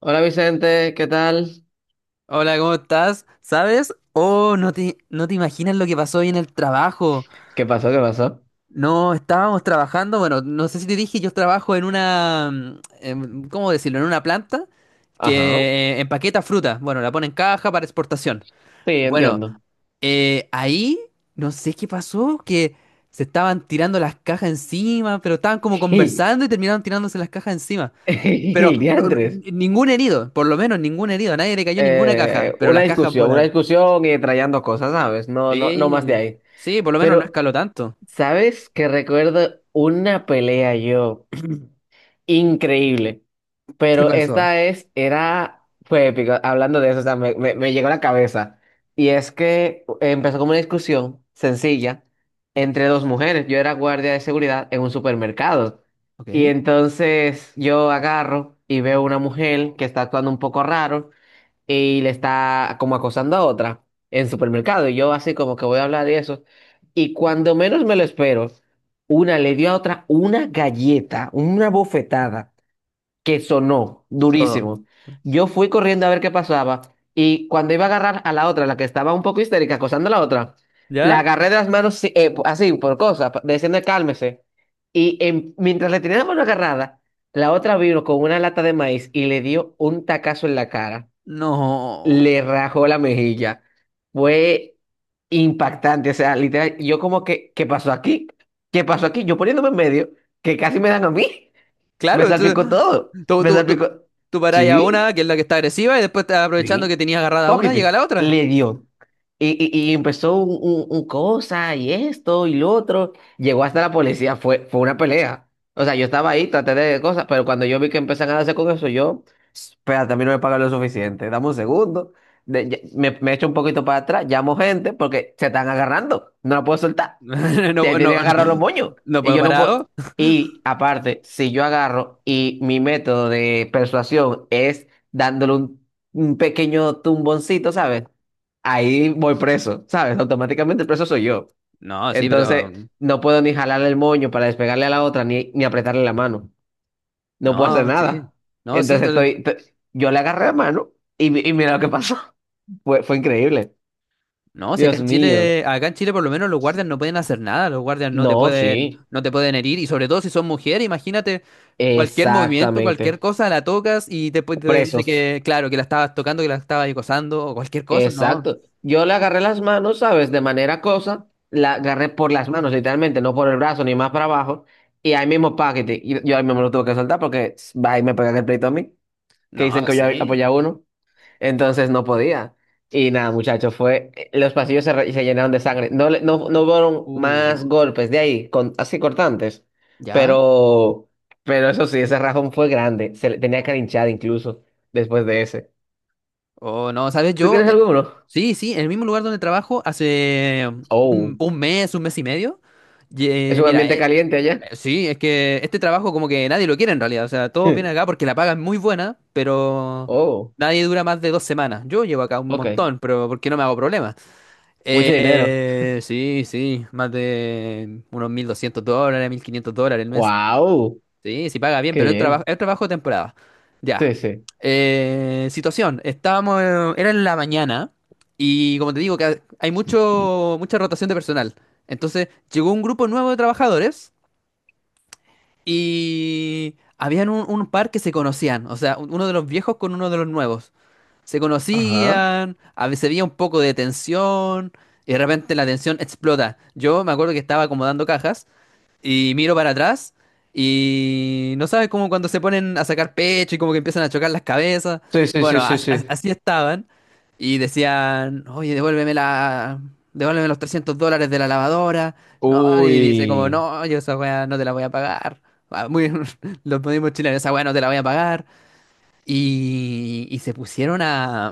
Hola Vicente, ¿qué tal? Hola, ¿cómo estás? ¿Sabes? Oh, no te imaginas lo que pasó hoy en el trabajo. ¿Qué pasó? ¿Qué pasó? No, estábamos trabajando, bueno, no sé si te dije, yo trabajo en una, ¿cómo decirlo? En una planta Ajá, que empaqueta fruta. Bueno, la pone en caja para exportación. sí, Bueno, entiendo. Ahí no sé qué pasó, que se estaban tirando las cajas encima, pero estaban como conversando y terminaron tirándose las cajas encima. Pero Diantres. ningún herido, por lo menos ningún herido, a nadie le cayó ninguna caja, pero Una las cajas discusión, una volaron. discusión y trayendo cosas, ¿sabes? No, no, no más de Sí, ahí. sí, por lo menos no Pero, escaló tanto. ¿sabes que recuerdo una pelea yo? Increíble. ¿Qué Pero pasó? Fue épico, hablando de eso, o sea, me llegó a la cabeza. Y es que empezó como una discusión sencilla entre dos mujeres. Yo era guardia de seguridad en un supermercado. Y Ok, entonces yo agarro y veo una mujer que está actuando un poco raro y le está como acosando a otra en supermercado. Y yo así como que voy a hablar de eso. Y cuando menos me lo espero, una le dio a otra una galleta, una bofetada que sonó todo. durísimo. Yo fui corriendo a ver qué pasaba y cuando iba a agarrar a la otra, la que estaba un poco histérica, acosando a la otra, ¿Ya? la agarré de las manos sí, así, por cosas, diciendo cálmese. Y mientras le tenía la mano agarrada, la otra vino con una lata de maíz y le dio un tacazo en la cara. No. Le rajó la mejilla. Fue impactante, o sea, literal, yo como que, ¿qué pasó aquí? ¿Qué pasó aquí? Yo poniéndome en medio, que casi me dan a mí. Me Claro, salpicó todo. tú, Me tú, tú, salpicó. tú parás a Sí, una, que es la que está agresiva, y después aprovechando que sí. tenías agarrada una, llega Pocket la otra. le dio. Y empezó un cosa y esto y lo otro. Llegó hasta la policía. Fue, fue una pelea. O sea, yo estaba ahí, traté de cosas, pero cuando yo vi que empezaron a darse con eso, yo. Espérate, a mí no me pagan lo suficiente. Dame un segundo. Me echo un poquito para atrás. Llamo gente porque se están agarrando. No la puedo soltar, te No, tienen que no, agarrar los moños. no Y puedo yo no parar a dos. puedo. Y aparte, si yo agarro y mi método de persuasión es dándole un pequeño tumboncito, ¿sabes? Ahí voy preso, ¿sabes? Automáticamente el preso soy yo. No, sí, pero. Entonces, no puedo ni jalarle el moño para despegarle a la otra, ni apretarle la mano. No puedo hacer No, sí. nada. No, sí. Entonces, yo le agarré la mano y mira lo que pasó. Fue, fue increíble. No, si acá Dios en mío. Chile, acá en Chile por lo menos los guardias no pueden hacer nada, los guardias no No, te sí. pueden, no te pueden herir, y sobre todo si son mujeres, imagínate cualquier movimiento, cualquier Exactamente. cosa, la tocas y después te dice Presos. que, claro, que la estabas tocando, que la estabas acosando, o cualquier cosa, no, Exacto. Yo le agarré las manos, ¿sabes? De manera cosa, la agarré por las manos, literalmente, no por el brazo ni más para abajo. Y ahí mismo, paquete. Y yo ahí mismo lo tuve que soltar porque va y me pegan el pleito a mí, que no, dicen que yo sí, apoyaba a uno. Entonces no podía. Y nada, muchachos, fue. Los pasillos se llenaron de sangre. No, no, no hubo más uh, golpes de ahí, con, así cortantes. ya, Pero, pero eso sí, ese rajón fue grande. Se le tenía que linchar incluso después de ese. o no, ¿sabes? ¿Tú Yo, tienes alguno? sí, sí, en el mismo lugar donde trabajo hace Oh. Un mes y medio, y, ¿Es un mira, ambiente caliente allá? Sí, es que este trabajo como que nadie lo quiere en realidad. O sea, todos vienen acá porque la paga es muy buena, pero Oh, nadie dura más de dos semanas. Yo llevo acá un ok. montón, pero porque no me hago problemas. Mucho dinero. Sí, sí, más de unos $1,200, $1,500 el mes. Wow, Sí, sí paga bien, qué pero bien. es trabajo de temporada. Ya. Sí, sí. Situación, estábamos, era en la mañana y como te digo, que hay mucha rotación de personal. Entonces llegó un grupo nuevo de trabajadores y habían un par que se conocían, o sea, uno de los viejos con uno de los nuevos. Se Ajá. conocían, a veces había un poco de tensión, y de repente la tensión explota. Yo me acuerdo que estaba acomodando cajas y miro para atrás y no sabes cómo cuando se ponen a sacar pecho y como que empiezan a chocar las cabezas. Sí, sí, sí, Bueno, sí, sí. Así estaban y decían, oye, devuélveme los $300 de la lavadora. No, y dice como, Uy. no, yo esa weá no te la voy a pagar. Ah, Muy, los mismos chilenos, esa weá no te la voy a pagar. Y se pusieron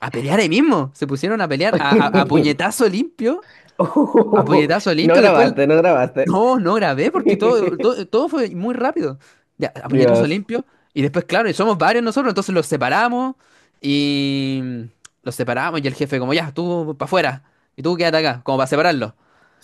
a pelear ahí mismo, se pusieron a pelear a, a puñetazo limpio. A Uh, puñetazo No limpio. Después, grabaste, no grabaste. no, no grabé porque todo fue muy rápido. Ya, a puñetazo Dios. limpio. Y después, claro, y somos varios nosotros, entonces los separamos y los separamos y el jefe como, ya, tú para afuera y tú quédate acá, como para separarlo.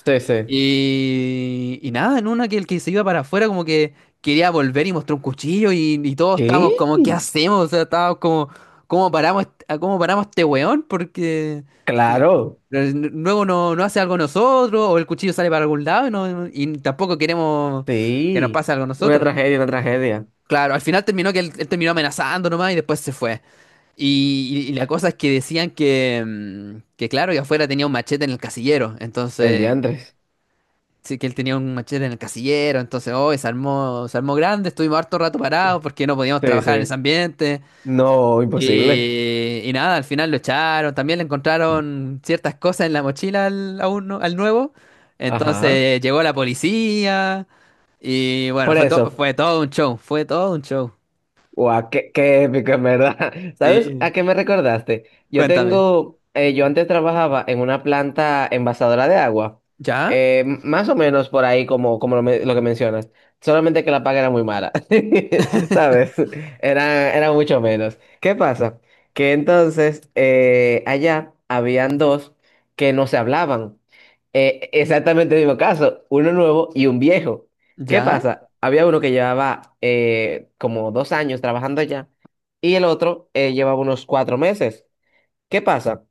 Sí, sí. Y nada, en una que el que se iba para afuera como que quería volver y mostró un cuchillo y todos estábamos ¿Qué? como, ¿qué hacemos? O sea, estábamos como, ¿cómo paramos este weón? Porque Claro. Luego no, no hace algo nosotros, o el cuchillo sale para algún lado y, y tampoco queremos que nos Sí. pase algo a Una nosotros. tragedia, una tragedia. Claro, al final terminó que él terminó amenazando nomás y después se fue. Y la cosa es que decían que, que claro, que afuera tenía un machete en el casillero. El Entonces, diantres. sí, que él tenía un machete en el casillero. Entonces, hoy se armó grande, estuvimos harto rato parados porque no podíamos Sí, trabajar en ese sí. ambiente. No, imposible. Y nada, al final lo echaron, también le encontraron ciertas cosas en la mochila al nuevo. Ajá. Entonces llegó la policía y bueno, Por fue, eso. fue todo un show, fue todo un show. Guau, qué épico, en verdad. ¿Sabes Sí. a qué me recordaste? Cuéntame. Yo antes trabajaba en una planta envasadora de agua, ¿Ya? Más o menos por ahí como lo que mencionas, solamente que la paga era muy mala, ¿sabes? Era, era mucho menos. ¿Qué pasa? Que entonces allá habían dos que no se hablaban. Exactamente el mismo caso, uno nuevo y un viejo. ¿Qué ¿Ya? pasa? Había uno que llevaba como 2 años trabajando allá y el otro llevaba unos 4 meses. ¿Qué pasa?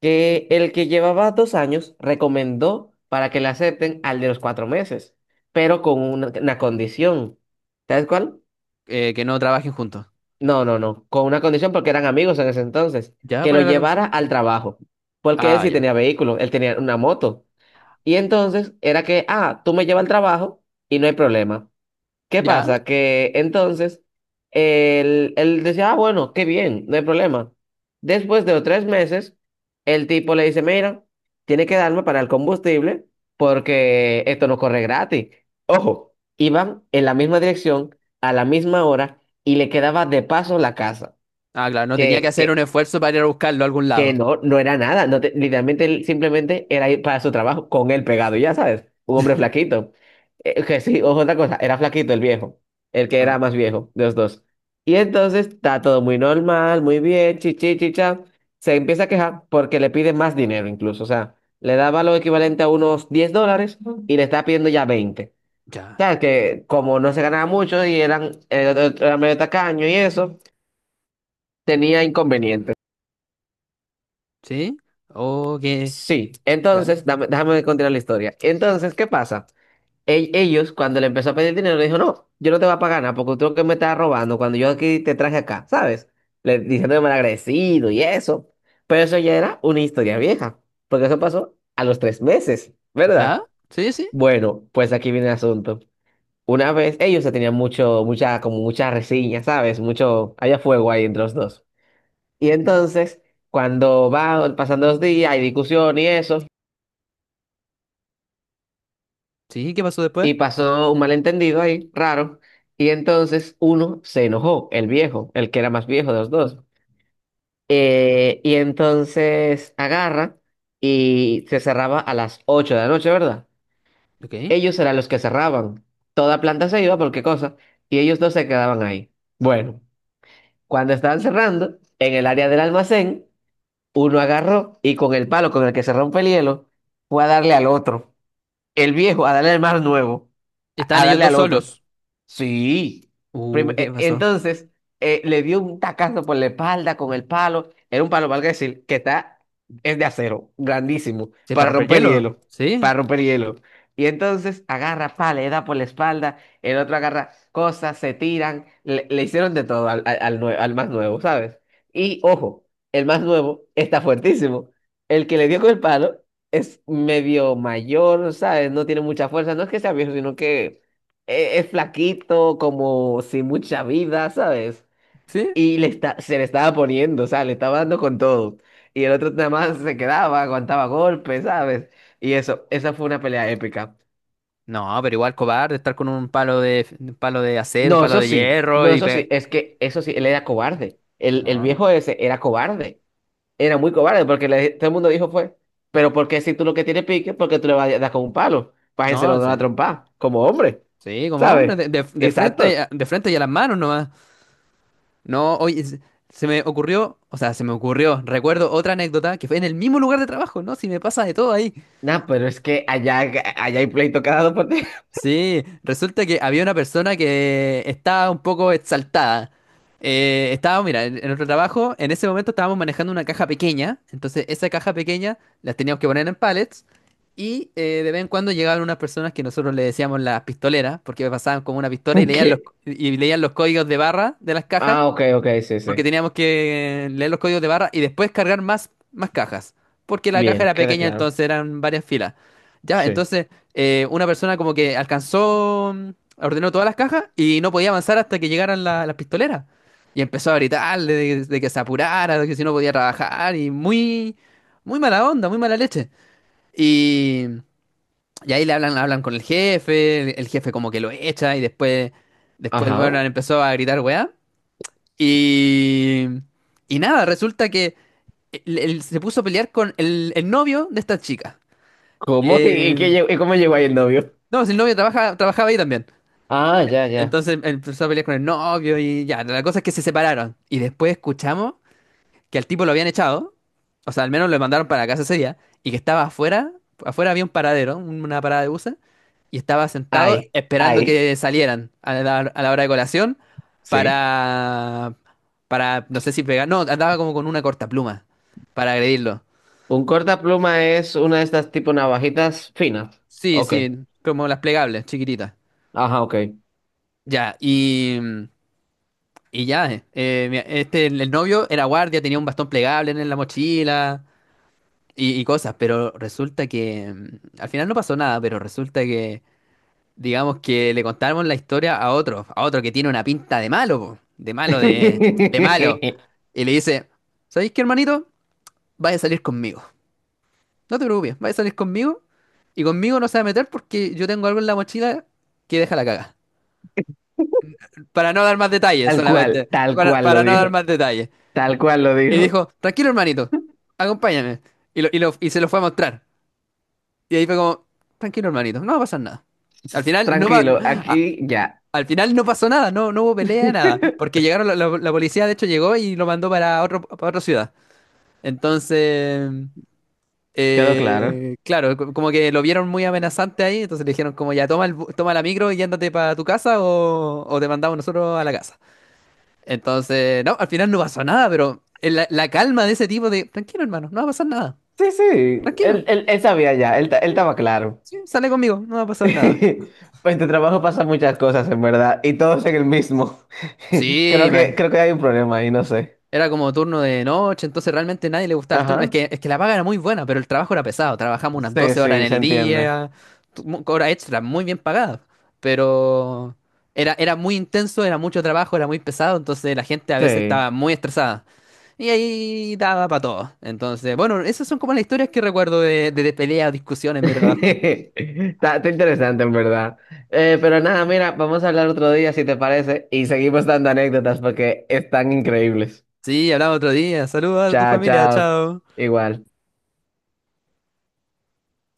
Que el que llevaba 2 años recomendó para que le acepten al de los 4 meses, pero con una condición. ¿Sabes cuál? Que no trabajen juntos. No, no, no. Con una condición porque eran amigos en ese entonces, ¿Ya? que ¿Cuál lo es la llevara condición? al trabajo. Porque él Ah, sí ya. tenía vehículo, él tenía una moto. Y entonces era que, ah, tú me llevas al trabajo y no hay problema. ¿Qué ¿Ya? pasa? Que entonces él decía, ah, bueno, qué bien, no hay problema. Después de los 3 meses, el tipo le dice, mira, tiene que darme para el combustible porque esto no corre gratis. Ojo, iban en la misma dirección, a la misma hora, y le quedaba de paso la casa. Ah, claro, no tenía que Que, hacer un que, esfuerzo para ir a buscarlo a algún que lado. no, no era nada. No te- Literalmente él simplemente era ir para su trabajo con él pegado, ya sabes. Un hombre flaquito. Que sí, ojo, otra cosa. Era flaquito el viejo. El que Ah, era más viejo de los dos. Y entonces está todo muy normal, muy bien, chichi, chicha. Se empieza a quejar porque le pide más dinero incluso. O sea, le daba lo equivalente a unos $10 y le está pidiendo ya 20. O ya. sea, que como no se ganaba mucho y era medio tacaño y eso, tenía inconvenientes. ¿Sí? ¿O qué? Sí, ¿Ya? entonces, déjame continuar la historia. Entonces, ¿qué pasa? Ellos, cuando le empezó a pedir dinero, le dijo, no, yo no te voy a pagar nada porque tú lo que me estás robando cuando yo aquí te traje acá, ¿sabes? Le diciendo mal agradecido y eso. Pero eso ya era una historia vieja, porque eso pasó a los 3 meses, ¿Ya? ¿verdad? ¿Sí, sí? Bueno, pues aquí viene el asunto. Una vez, ellos se tenían mucho, mucha reseña, ¿sabes? Mucho, había fuego ahí entre los dos. Y entonces, cuando va pasando los días, hay discusión y eso. ¿Sí? ¿Qué pasó después? Y pasó un malentendido ahí, raro. Y entonces uno se enojó, el viejo, el que era más viejo de los dos. Y entonces agarra y se cerraba a las 8 de la noche, ¿verdad? Ok. Ellos eran los que cerraban. Toda planta se iba, por qué cosa. Y ellos dos se quedaban ahí. Bueno, cuando estaban cerrando, en el área del almacén, uno agarró y con el palo con el que se rompe el hielo, fue a darle al otro. El viejo a darle al más nuevo, a Estaban a ellos darle dos al otro. solos. Sí. ¿Qué pasó? Entonces, le dio un tacazo por la espalda con el palo. Era un palo, valga decir, es de acero, grandísimo, ¿Se para para romper el romper el hielo? hielo, ¿Sí? para romper el hielo. Y entonces agarra pala, le da por la espalda, el otro agarra cosas, se tiran, le hicieron de todo al más nuevo, ¿sabes? Y ojo, el más nuevo está fuertísimo. El que le dio con el palo es medio mayor, ¿sabes? No tiene mucha fuerza, no es que sea viejo, sino que es flaquito, como sin mucha vida, ¿sabes? ¿Sí? Y se le estaba poniendo, o sea, le estaba dando con todo. Y el otro nada más se quedaba, aguantaba golpes, ¿sabes? Y eso, esa fue una pelea épica. No, pero igual cobarde estar con un palo de acero, No, palo eso de sí, hierro no, y eso sí, es que eso sí, él era cobarde. El No, viejo ese era cobarde, era muy cobarde, porque todo el mundo dijo fue, pero porque si tú lo que tienes pique, ¿porque tú le vas a dar con un palo? no Pájenselo de una sé. trompa, como hombre, Sí, como hombre, ¿sabes? De Exacto. frente, de frente y a las manos nomás. No, oye, se me ocurrió, o sea, se me ocurrió, recuerdo otra anécdota que fue en el mismo lugar de trabajo, ¿no? Si me pasa de todo ahí. Nah, pero es que allá hay pleito cada dos por tres. Sí, resulta que había una persona que estaba un poco exaltada. Estaba, mira, en nuestro trabajo, en ese momento estábamos manejando una caja pequeña, entonces esa caja pequeña las teníamos que poner en pallets y de vez en cuando llegaban unas personas que nosotros le decíamos las pistoleras, porque pasaban como una pistola y ¿Qué? y leían los códigos de barra de las cajas. Ah, ok, ok, sí, Porque sí. teníamos que leer los códigos de barra y después cargar más cajas. Porque la caja Bien, era queda pequeña, claro. entonces eran varias filas. Ya, Sí. entonces una persona como que alcanzó, ordenó todas las cajas y no podía avanzar hasta que llegaran las pistoleras. Y empezó a gritarle de que se apurara, de que si no podía trabajar y muy mala onda, muy mala leche. Y, y ahí le hablan, hablan con el jefe, el jefe como que lo echa y después Ajá. bueno, empezó a gritar weá. Y, y nada, resulta que él se puso a pelear con el novio de esta chica. ¿Cómo? ¿Y qué Eh, lle- y cómo llegó ahí el novio? no, si el novio trabajaba ahí también. Ah, ya, ya. Entonces él empezó a pelear con el novio y ya, la cosa es que se separaron. Y después escuchamos que al tipo lo habían echado, o sea, al menos lo mandaron para la casa ese día, y que estaba afuera, afuera había un paradero, una parada de buses, y estaba sentado Ay, esperando ay. que salieran a la hora de colación Sí. para, para, no sé si pegar, no, andaba como con una cortapluma para agredirlo. Un cortapluma es una de estas tipo navajitas finas. Sí, Ok. sí, como las plegables, chiquititas. Ajá, ok. Ya, y ya, este, el novio era guardia, tenía un bastón plegable en la mochila, y cosas, pero resulta que al final no pasó nada, pero resulta que, digamos que le contamos la historia a otro que tiene una pinta de malo, po, de malo, de malo, y le dice, ¿sabéis qué, hermanito? Vaya a salir conmigo, no te preocupes, vaya a salir conmigo, y conmigo no se va a meter porque yo tengo algo en la mochila que deja la caga. Para no dar más detalles, solamente, tal cual lo para no dar dijo. más detalles. Tal cual lo Y dijo. dijo, tranquilo, hermanito, acompáñame, y, y se lo fue a mostrar. Y ahí fue como, tranquilo, hermanito, no va a pasar nada. Al final no va, Tranquilo, a- aquí ya. al final no pasó nada, no, no hubo pelea, nada. Porque llegaron, la policía de hecho llegó y lo mandó para otro, para otra ciudad. Entonces, Quedó claro. Claro, como que lo vieron muy amenazante ahí, entonces le dijeron como ya toma toma la micro y ándate para tu casa o te mandamos nosotros a la casa. Entonces, no, al final no pasó nada, pero el- la calma de ese tipo de, tranquilo, hermano, no va a pasar nada. Sí, sí, Tranquilo, él sabía ya, él estaba claro. sí, sale conmigo, no va a pasar nada. Pues en tu trabajo pasan muchas cosas, en verdad, y todos en el mismo. Creo Sí, que, creo que hay un problema ahí, no sé. era como turno de noche, entonces realmente nadie le gustaba el turno. Ajá. Es que la paga era muy buena, pero el trabajo era pesado. Trabajamos unas Sí, 12 horas en sí, se el entiende. día, horas extras muy bien pagadas. Pero era, era muy intenso, era mucho trabajo, era muy pesado, entonces la gente a veces Sí. estaba muy estresada. Y ahí daba para todo. Entonces, bueno, esas son como las historias que recuerdo de, de peleas, discusiones en mi trabajo. Está interesante, en verdad. Pero nada, mira, vamos a hablar otro día, si te parece, y seguimos dando anécdotas porque están increíbles. Sí, hablamos otro día. Saludos a tu Chao, familia, chao. chao. Igual.